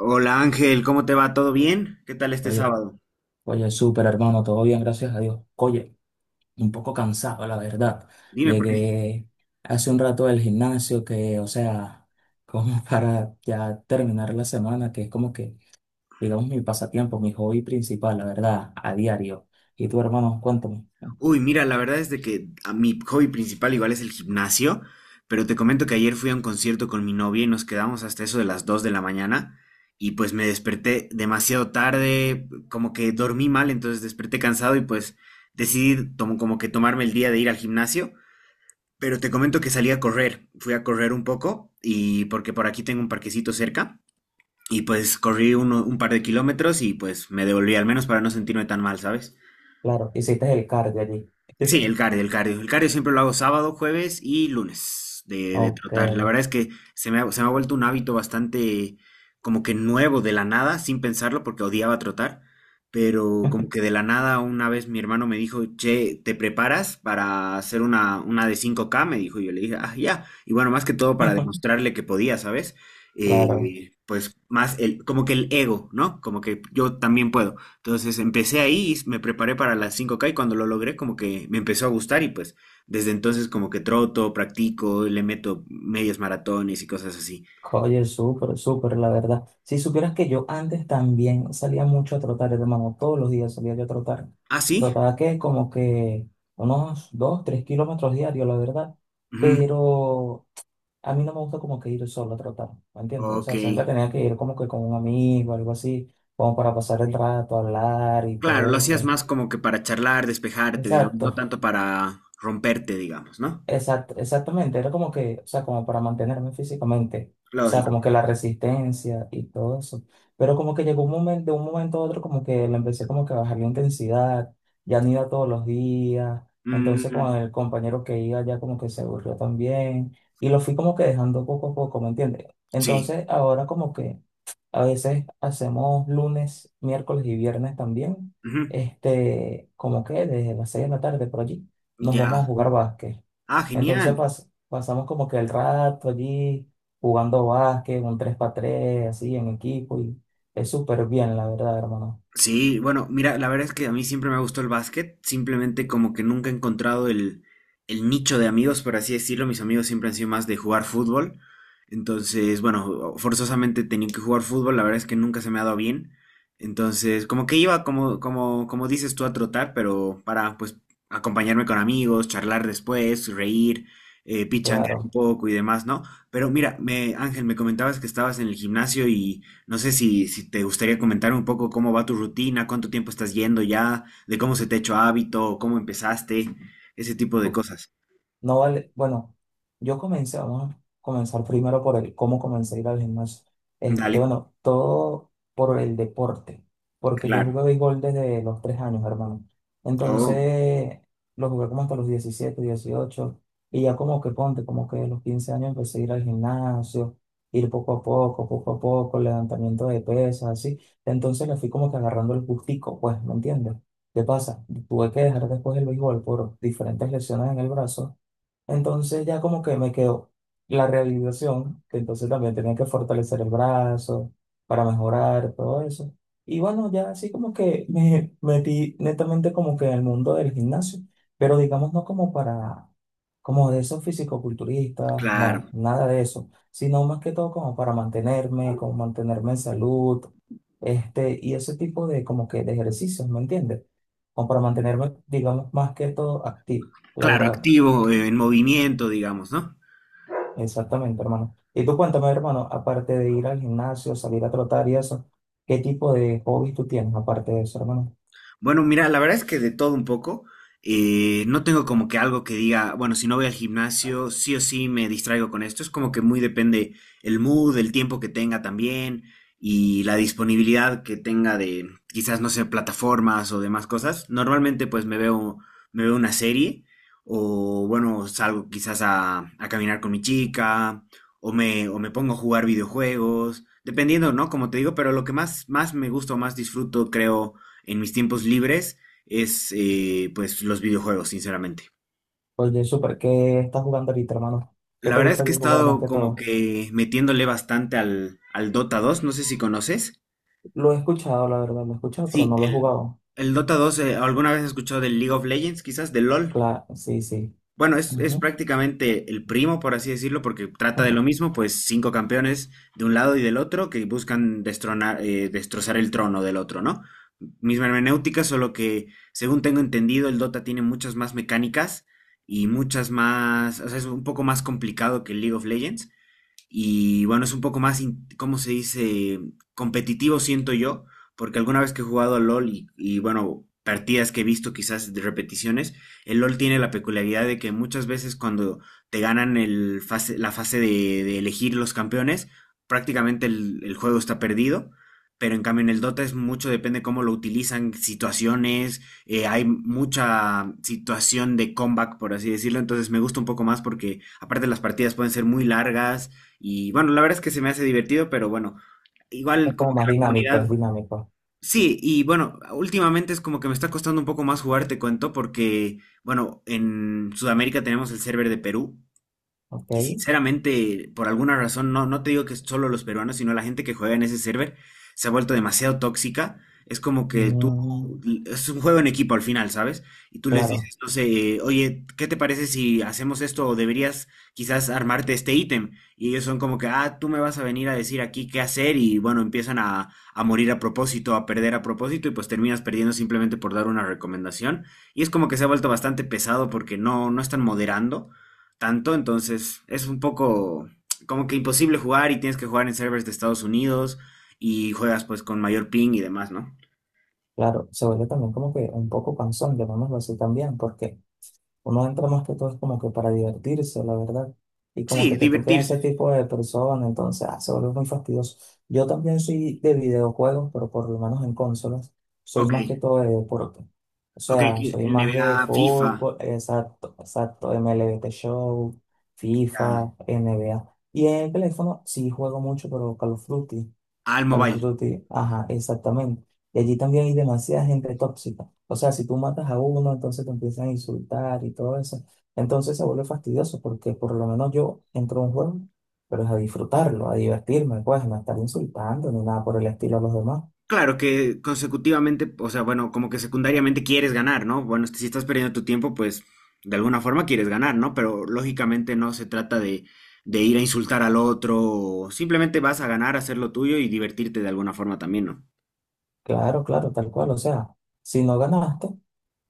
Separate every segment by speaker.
Speaker 1: Hola Ángel, ¿cómo te va? ¿Todo bien? ¿Qué tal este
Speaker 2: Oye,
Speaker 1: sábado?
Speaker 2: oye, súper hermano, todo bien, gracias a Dios. Oye, un poco cansado, la verdad.
Speaker 1: Dime por qué.
Speaker 2: Llegué hace un rato del gimnasio que, o sea, como para ya terminar la semana, que es como que, digamos, mi pasatiempo, mi hobby principal, la verdad, a diario. Y tú, hermano, cuéntame.
Speaker 1: Uy, mira, la verdad es de que a mi hobby principal igual es el gimnasio, pero te comento que ayer fui a un concierto con mi novia y nos quedamos hasta eso de las 2 de la mañana y pues me desperté demasiado tarde, como que dormí mal, entonces desperté cansado y pues decidí como que tomarme el día de ir al gimnasio, pero te comento que salí a correr, fui a correr un poco y porque por aquí tengo un parquecito cerca. Y pues corrí un par de kilómetros y pues me devolví al menos para no sentirme tan mal, ¿sabes?
Speaker 2: Claro, hiciste el cardio allí.
Speaker 1: Sí, el cardio, el cardio. El cardio siempre lo hago sábado, jueves y lunes de
Speaker 2: Ok.
Speaker 1: trotar. La verdad es que se me ha vuelto un hábito bastante como que nuevo de la nada, sin pensarlo, porque odiaba trotar, pero como que de la nada una vez mi hermano me dijo, che, ¿te preparas para hacer una de 5K? Me dijo, y yo le dije, ah, ya. Y bueno, más que todo para demostrarle que podía, ¿sabes?
Speaker 2: Claro.
Speaker 1: Pues más el, como que el ego, ¿no? Como que yo también puedo. Entonces empecé ahí, y me preparé para las 5K y cuando lo logré como que me empezó a gustar y pues desde entonces como que troto, practico, le meto medias maratones y cosas así.
Speaker 2: Oye, súper, súper, la verdad. Si supieras que yo antes también salía mucho a trotar, hermano, todos los días salía yo a trotar.
Speaker 1: ¿Ah, sí?
Speaker 2: Trotaba que como que unos 2, 3 kilómetros diarios, la verdad.
Speaker 1: Ujú.
Speaker 2: Pero a mí no me gusta como que ir solo a trotar, ¿me entiendes? O
Speaker 1: Ok.
Speaker 2: sea, siempre tenía que ir como que con un amigo, algo así, como para pasar el rato, hablar y
Speaker 1: Claro,
Speaker 2: todo
Speaker 1: lo hacías
Speaker 2: eso.
Speaker 1: más como que para charlar, despejarte, digamos, no
Speaker 2: Exacto.
Speaker 1: tanto para romperte, digamos, ¿no?
Speaker 2: Exactamente, era como que, o sea, como para mantenerme físicamente, o sea,
Speaker 1: Lógico.
Speaker 2: como que la resistencia y todo eso. Pero como que llegó un momento, de un momento a otro, como que le empecé como que a bajar la intensidad, ya no iba todos los días, entonces
Speaker 1: Mm,
Speaker 2: con el compañero que iba ya como que se aburrió también, y lo fui como que dejando poco a poco, ¿me entiendes?
Speaker 1: sí.
Speaker 2: Entonces ahora como que a veces hacemos lunes, miércoles y viernes también.
Speaker 1: Ujú.
Speaker 2: Este, como que desde las 6 de la tarde por allí nos vamos a
Speaker 1: Ya.
Speaker 2: jugar básquet.
Speaker 1: Ah,
Speaker 2: Entonces
Speaker 1: genial.
Speaker 2: pasamos como que el rato allí jugando básquet, un tres x tres así en equipo y es súper bien, la verdad, hermano.
Speaker 1: Sí, bueno, mira, la verdad es que a mí siempre me ha gustado el básquet, simplemente como que nunca he encontrado el nicho de amigos, por así decirlo, mis amigos siempre han sido más de jugar fútbol, entonces, bueno, forzosamente tenía que jugar fútbol, la verdad es que nunca se me ha dado bien, entonces, como que iba, como dices tú, a trotar, pero para, pues, acompañarme con amigos, charlar después, reír, pichanguear un
Speaker 2: Claro.
Speaker 1: poco y demás, ¿no? Pero mira, Ángel, me comentabas que estabas en el gimnasio, no sé si te gustaría comentar un poco cómo va tu rutina, cuánto tiempo estás yendo ya, de cómo se te ha hecho hábito, cómo empezaste, ese tipo de cosas.
Speaker 2: No vale, bueno, yo comencé, vamos a comenzar primero por el cómo comencé a ir al gimnasio. Este,
Speaker 1: Dale,
Speaker 2: bueno, todo por el deporte, porque yo
Speaker 1: claro.
Speaker 2: jugué béisbol desde los 3 años, hermano.
Speaker 1: Oh,
Speaker 2: Entonces, lo jugué como hasta los 17, 18 y ya como que ponte, como que a los 15 años empecé a ir al gimnasio, ir poco a poco, levantamiento de pesas, así. Entonces le fui como que agarrando el gustico, pues, ¿me entiendes? ¿Qué pasa? Tuve que dejar después el béisbol por diferentes lesiones en el brazo, entonces ya como que me quedó la realización, que entonces también tenía que fortalecer el brazo para mejorar todo eso. Y bueno, ya así como que me metí netamente como que en el mundo del gimnasio, pero digamos no como para, como de esos fisicoculturistas, no,
Speaker 1: claro.
Speaker 2: nada de eso, sino más que todo como para mantenerme, como mantenerme en salud, este, y ese tipo de como que de ejercicios, ¿me entiendes? Como para mantenerme, digamos, más que todo activo, la
Speaker 1: Claro,
Speaker 2: verdad.
Speaker 1: activo, en movimiento, digamos, ¿no?
Speaker 2: Exactamente, hermano. Y tú cuéntame, hermano, aparte de ir al gimnasio, salir a trotar y eso, ¿qué tipo de hobbies tú tienes aparte de eso, hermano?
Speaker 1: Bueno, mira, la verdad es que de todo un poco. No tengo como que algo que diga, bueno, si no voy al gimnasio, sí o sí me distraigo con esto. Es como que muy depende el mood, el tiempo que tenga también y la disponibilidad que tenga de quizás, no sé, plataformas o demás cosas. Normalmente pues me veo una serie o bueno, salgo quizás a caminar con mi chica o me pongo a jugar videojuegos, dependiendo, ¿no? Como te digo, pero lo que más, más me gusta o más disfruto, creo, en mis tiempos libres es, pues, los videojuegos, sinceramente.
Speaker 2: Oye, súper, ¿qué estás jugando ahorita, hermano? ¿Qué
Speaker 1: La
Speaker 2: te
Speaker 1: verdad es
Speaker 2: gusta
Speaker 1: que he
Speaker 2: jugar más
Speaker 1: estado
Speaker 2: que
Speaker 1: como
Speaker 2: todo?
Speaker 1: que metiéndole bastante al Dota 2, no sé si conoces.
Speaker 2: Lo he escuchado, la verdad, lo he escuchado, pero
Speaker 1: Sí,
Speaker 2: no lo he jugado.
Speaker 1: el Dota 2, ¿alguna vez has escuchado del League of Legends, quizás, del LOL?
Speaker 2: Claro, sí, sí.
Speaker 1: Bueno, es
Speaker 2: Ujú.
Speaker 1: prácticamente el primo, por así decirlo, porque trata de lo mismo, pues cinco campeones de un lado y del otro que buscan destronar, destrozar el trono del otro, ¿no? Misma hermenéutica, solo que, según tengo entendido, el Dota tiene muchas más mecánicas y muchas más, o sea, es un poco más complicado que el League of Legends, y bueno, es un poco más, ¿cómo se dice? Competitivo, siento yo, porque alguna vez que he jugado a LOL bueno, partidas que he visto quizás de repeticiones, el LOL tiene la peculiaridad de que muchas veces cuando te ganan el fase, la fase de elegir los campeones, prácticamente el juego está perdido. Pero en cambio en el Dota es mucho, depende cómo lo utilizan, situaciones, hay mucha situación de comeback, por así decirlo, entonces me gusta un poco más porque aparte las partidas pueden ser muy largas, y bueno, la verdad es que se me hace divertido, pero bueno, igual
Speaker 2: Es
Speaker 1: como
Speaker 2: como
Speaker 1: que
Speaker 2: más
Speaker 1: la
Speaker 2: dinámico,
Speaker 1: comunidad,
Speaker 2: es dinámico.
Speaker 1: sí, y bueno, últimamente es como que me está costando un poco más jugar, te cuento, porque bueno, en Sudamérica tenemos el server de Perú
Speaker 2: Ok.
Speaker 1: y sinceramente, por alguna razón, no te digo que es solo los peruanos, sino la gente que juega en ese server se ha vuelto demasiado tóxica. Es como que tú,
Speaker 2: Mm,
Speaker 1: es un juego en equipo al final, ¿sabes? Y tú les
Speaker 2: claro,
Speaker 1: dices, no sé, oye, ¿qué te parece si hacemos esto o deberías quizás armarte este ítem? Y ellos son como que, ah, tú me vas a venir a decir aquí qué hacer, y bueno, empiezan a morir a propósito, a perder a propósito y pues terminas perdiendo simplemente por dar una recomendación. Y es como que se ha vuelto bastante pesado porque no están moderando tanto, entonces es un poco como que imposible jugar y tienes que jugar en servers de Estados Unidos y juegas pues con mayor ping y demás, ¿no?
Speaker 2: claro. Se vuelve también como que un poco cansón, llamémoslo así también, porque uno entra más que todo es como que para divertirse, la verdad. Y como que
Speaker 1: Sí,
Speaker 2: te toquen ese
Speaker 1: divertirse.
Speaker 2: tipo de personas, entonces ah, se vuelve muy fastidioso. Yo también soy de videojuegos, pero por lo menos en consolas, soy
Speaker 1: Ok,
Speaker 2: más que todo de deporte. O
Speaker 1: ok,
Speaker 2: sea, soy
Speaker 1: el
Speaker 2: más de
Speaker 1: NBA, FIFA,
Speaker 2: fútbol, exacto, exacto, MLB The Show,
Speaker 1: ya,
Speaker 2: FIFA, NBA. Y en el teléfono sí juego mucho, pero Call of Duty
Speaker 1: al
Speaker 2: para los
Speaker 1: mobile.
Speaker 2: frutos tigres. Ajá, exactamente. Y allí también hay demasiada gente tóxica. O sea, si tú matas a uno, entonces te empiezan a insultar y todo eso. Entonces se vuelve fastidioso porque por lo menos yo entro a un juego, pero es a disfrutarlo, a divertirme, pues, no a estar insultando ni nada por el estilo a los demás.
Speaker 1: Claro que consecutivamente, o sea, bueno, como que secundariamente quieres ganar, ¿no? Bueno, si estás perdiendo tu tiempo, pues de alguna forma quieres ganar, ¿no? Pero lógicamente no se trata de ir a insultar al otro, o simplemente vas a ganar, hacer lo tuyo y divertirte de alguna forma también, ¿no?
Speaker 2: Claro, claro, tal cual. O sea, si no ganaste,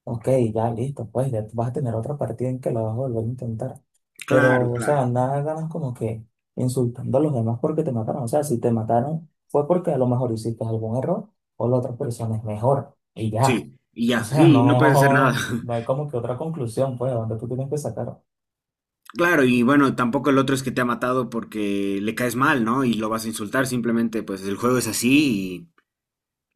Speaker 2: ok, ya listo, pues ya vas a tener otra partida en que lo vas a volver a intentar.
Speaker 1: Claro,
Speaker 2: Pero, o
Speaker 1: claro.
Speaker 2: sea, nada ganas como que insultando a los demás porque te mataron. O sea, si te mataron fue porque a lo mejor hiciste algún error o la otra persona es mejor. Y ya.
Speaker 1: Sí, y
Speaker 2: O
Speaker 1: ya,
Speaker 2: sea,
Speaker 1: sí, no puedes hacer nada.
Speaker 2: no, no hay como que otra conclusión, pues, donde tú tienes que sacar.
Speaker 1: Claro, y bueno, tampoco el otro es que te ha matado porque le caes mal, ¿no? Y lo vas a insultar, simplemente pues el juego es así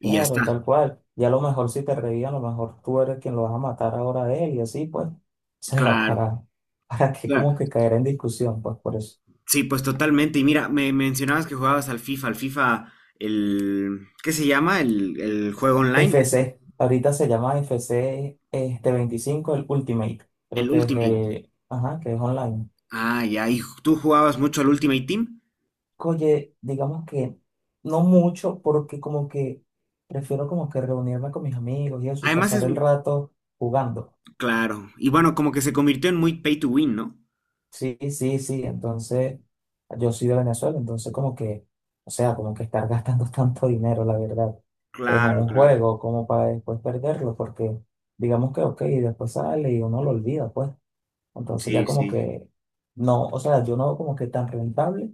Speaker 1: y ya está.
Speaker 2: tal cual. Y a lo mejor si te reían, a lo mejor tú eres quien lo vas a matar ahora a él y así, pues. O sea,
Speaker 1: Claro,
Speaker 2: para que como
Speaker 1: claro.
Speaker 2: que caer en discusión, pues, por eso.
Speaker 1: Sí, pues totalmente. Y mira, me mencionabas que jugabas al FIFA, el, ¿qué se llama? El juego online,
Speaker 2: FC, ahorita se llama FC este 25 el Ultimate, creo
Speaker 1: el
Speaker 2: que es
Speaker 1: Ultimate.
Speaker 2: el, ajá, que es online.
Speaker 1: Ah, ya, y tú jugabas mucho al Ultimate Team.
Speaker 2: Oye, digamos que no mucho, porque como que prefiero como que reunirme con mis amigos y eso y
Speaker 1: Además
Speaker 2: pasar
Speaker 1: es,
Speaker 2: el rato jugando.
Speaker 1: claro, y bueno, como que se convirtió en muy pay to win, ¿no?
Speaker 2: Sí, sí, sí, entonces yo soy de Venezuela, entonces como que, o sea, como que estar gastando tanto dinero, la verdad, en
Speaker 1: Claro,
Speaker 2: un
Speaker 1: claro.
Speaker 2: juego como para después perderlo, porque digamos que, ok, después sale y uno lo olvida, pues. Entonces ya
Speaker 1: Sí,
Speaker 2: como
Speaker 1: sí.
Speaker 2: que no, o sea, yo no veo como que tan rentable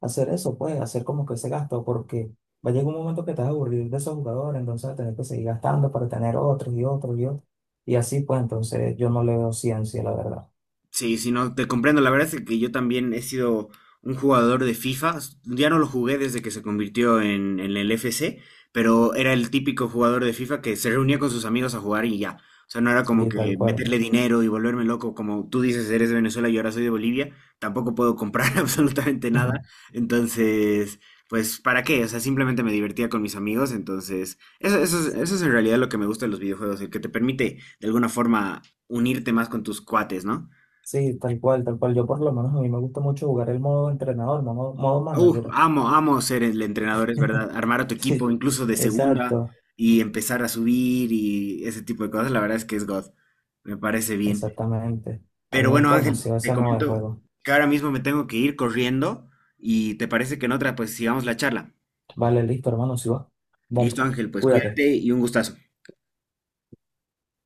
Speaker 2: hacer eso, pues, hacer como que ese gasto, porque va a llegar un momento que te vas a aburrir de esos jugadores, entonces vas a tener que seguir gastando para tener otros y otros y otros. Y así, pues, entonces yo no le veo ciencia, la verdad.
Speaker 1: Sí, si no, te comprendo. La verdad es que yo también he sido un jugador de FIFA. Ya no lo jugué desde que se convirtió en el FC, pero era el típico jugador de FIFA que se reunía con sus amigos a jugar y ya. O sea, no era como
Speaker 2: Sí, tal
Speaker 1: que
Speaker 2: cual.
Speaker 1: meterle dinero y volverme loco. Como tú dices, eres de Venezuela y ahora soy de Bolivia. Tampoco puedo comprar absolutamente nada. Entonces, pues, ¿para qué? O sea, simplemente me divertía con mis amigos. Entonces, eso es en realidad lo que me gusta de los videojuegos, el que te permite de alguna forma unirte más con tus cuates, ¿no?
Speaker 2: Sí, tal cual, tal cual. Yo por lo menos a mí me gusta mucho jugar el modo entrenador, modo, modo
Speaker 1: Uf,
Speaker 2: manager.
Speaker 1: amo, amo ser el entrenador, es verdad. Armar a tu equipo,
Speaker 2: Sí,
Speaker 1: incluso de segunda,
Speaker 2: exacto,
Speaker 1: y empezar a subir y ese tipo de cosas, la verdad es que es God. Me parece bien.
Speaker 2: exactamente. A mí
Speaker 1: Pero
Speaker 2: me
Speaker 1: bueno,
Speaker 2: gusta
Speaker 1: Ángel,
Speaker 2: demasiado
Speaker 1: te
Speaker 2: ese modo de
Speaker 1: comento
Speaker 2: juego.
Speaker 1: que ahora mismo me tengo que ir corriendo y te parece que en otra, pues sigamos la charla.
Speaker 2: Vale, listo, hermano, si va. Vale,
Speaker 1: Listo, Ángel, pues
Speaker 2: cuídate.
Speaker 1: cuídate y un gustazo.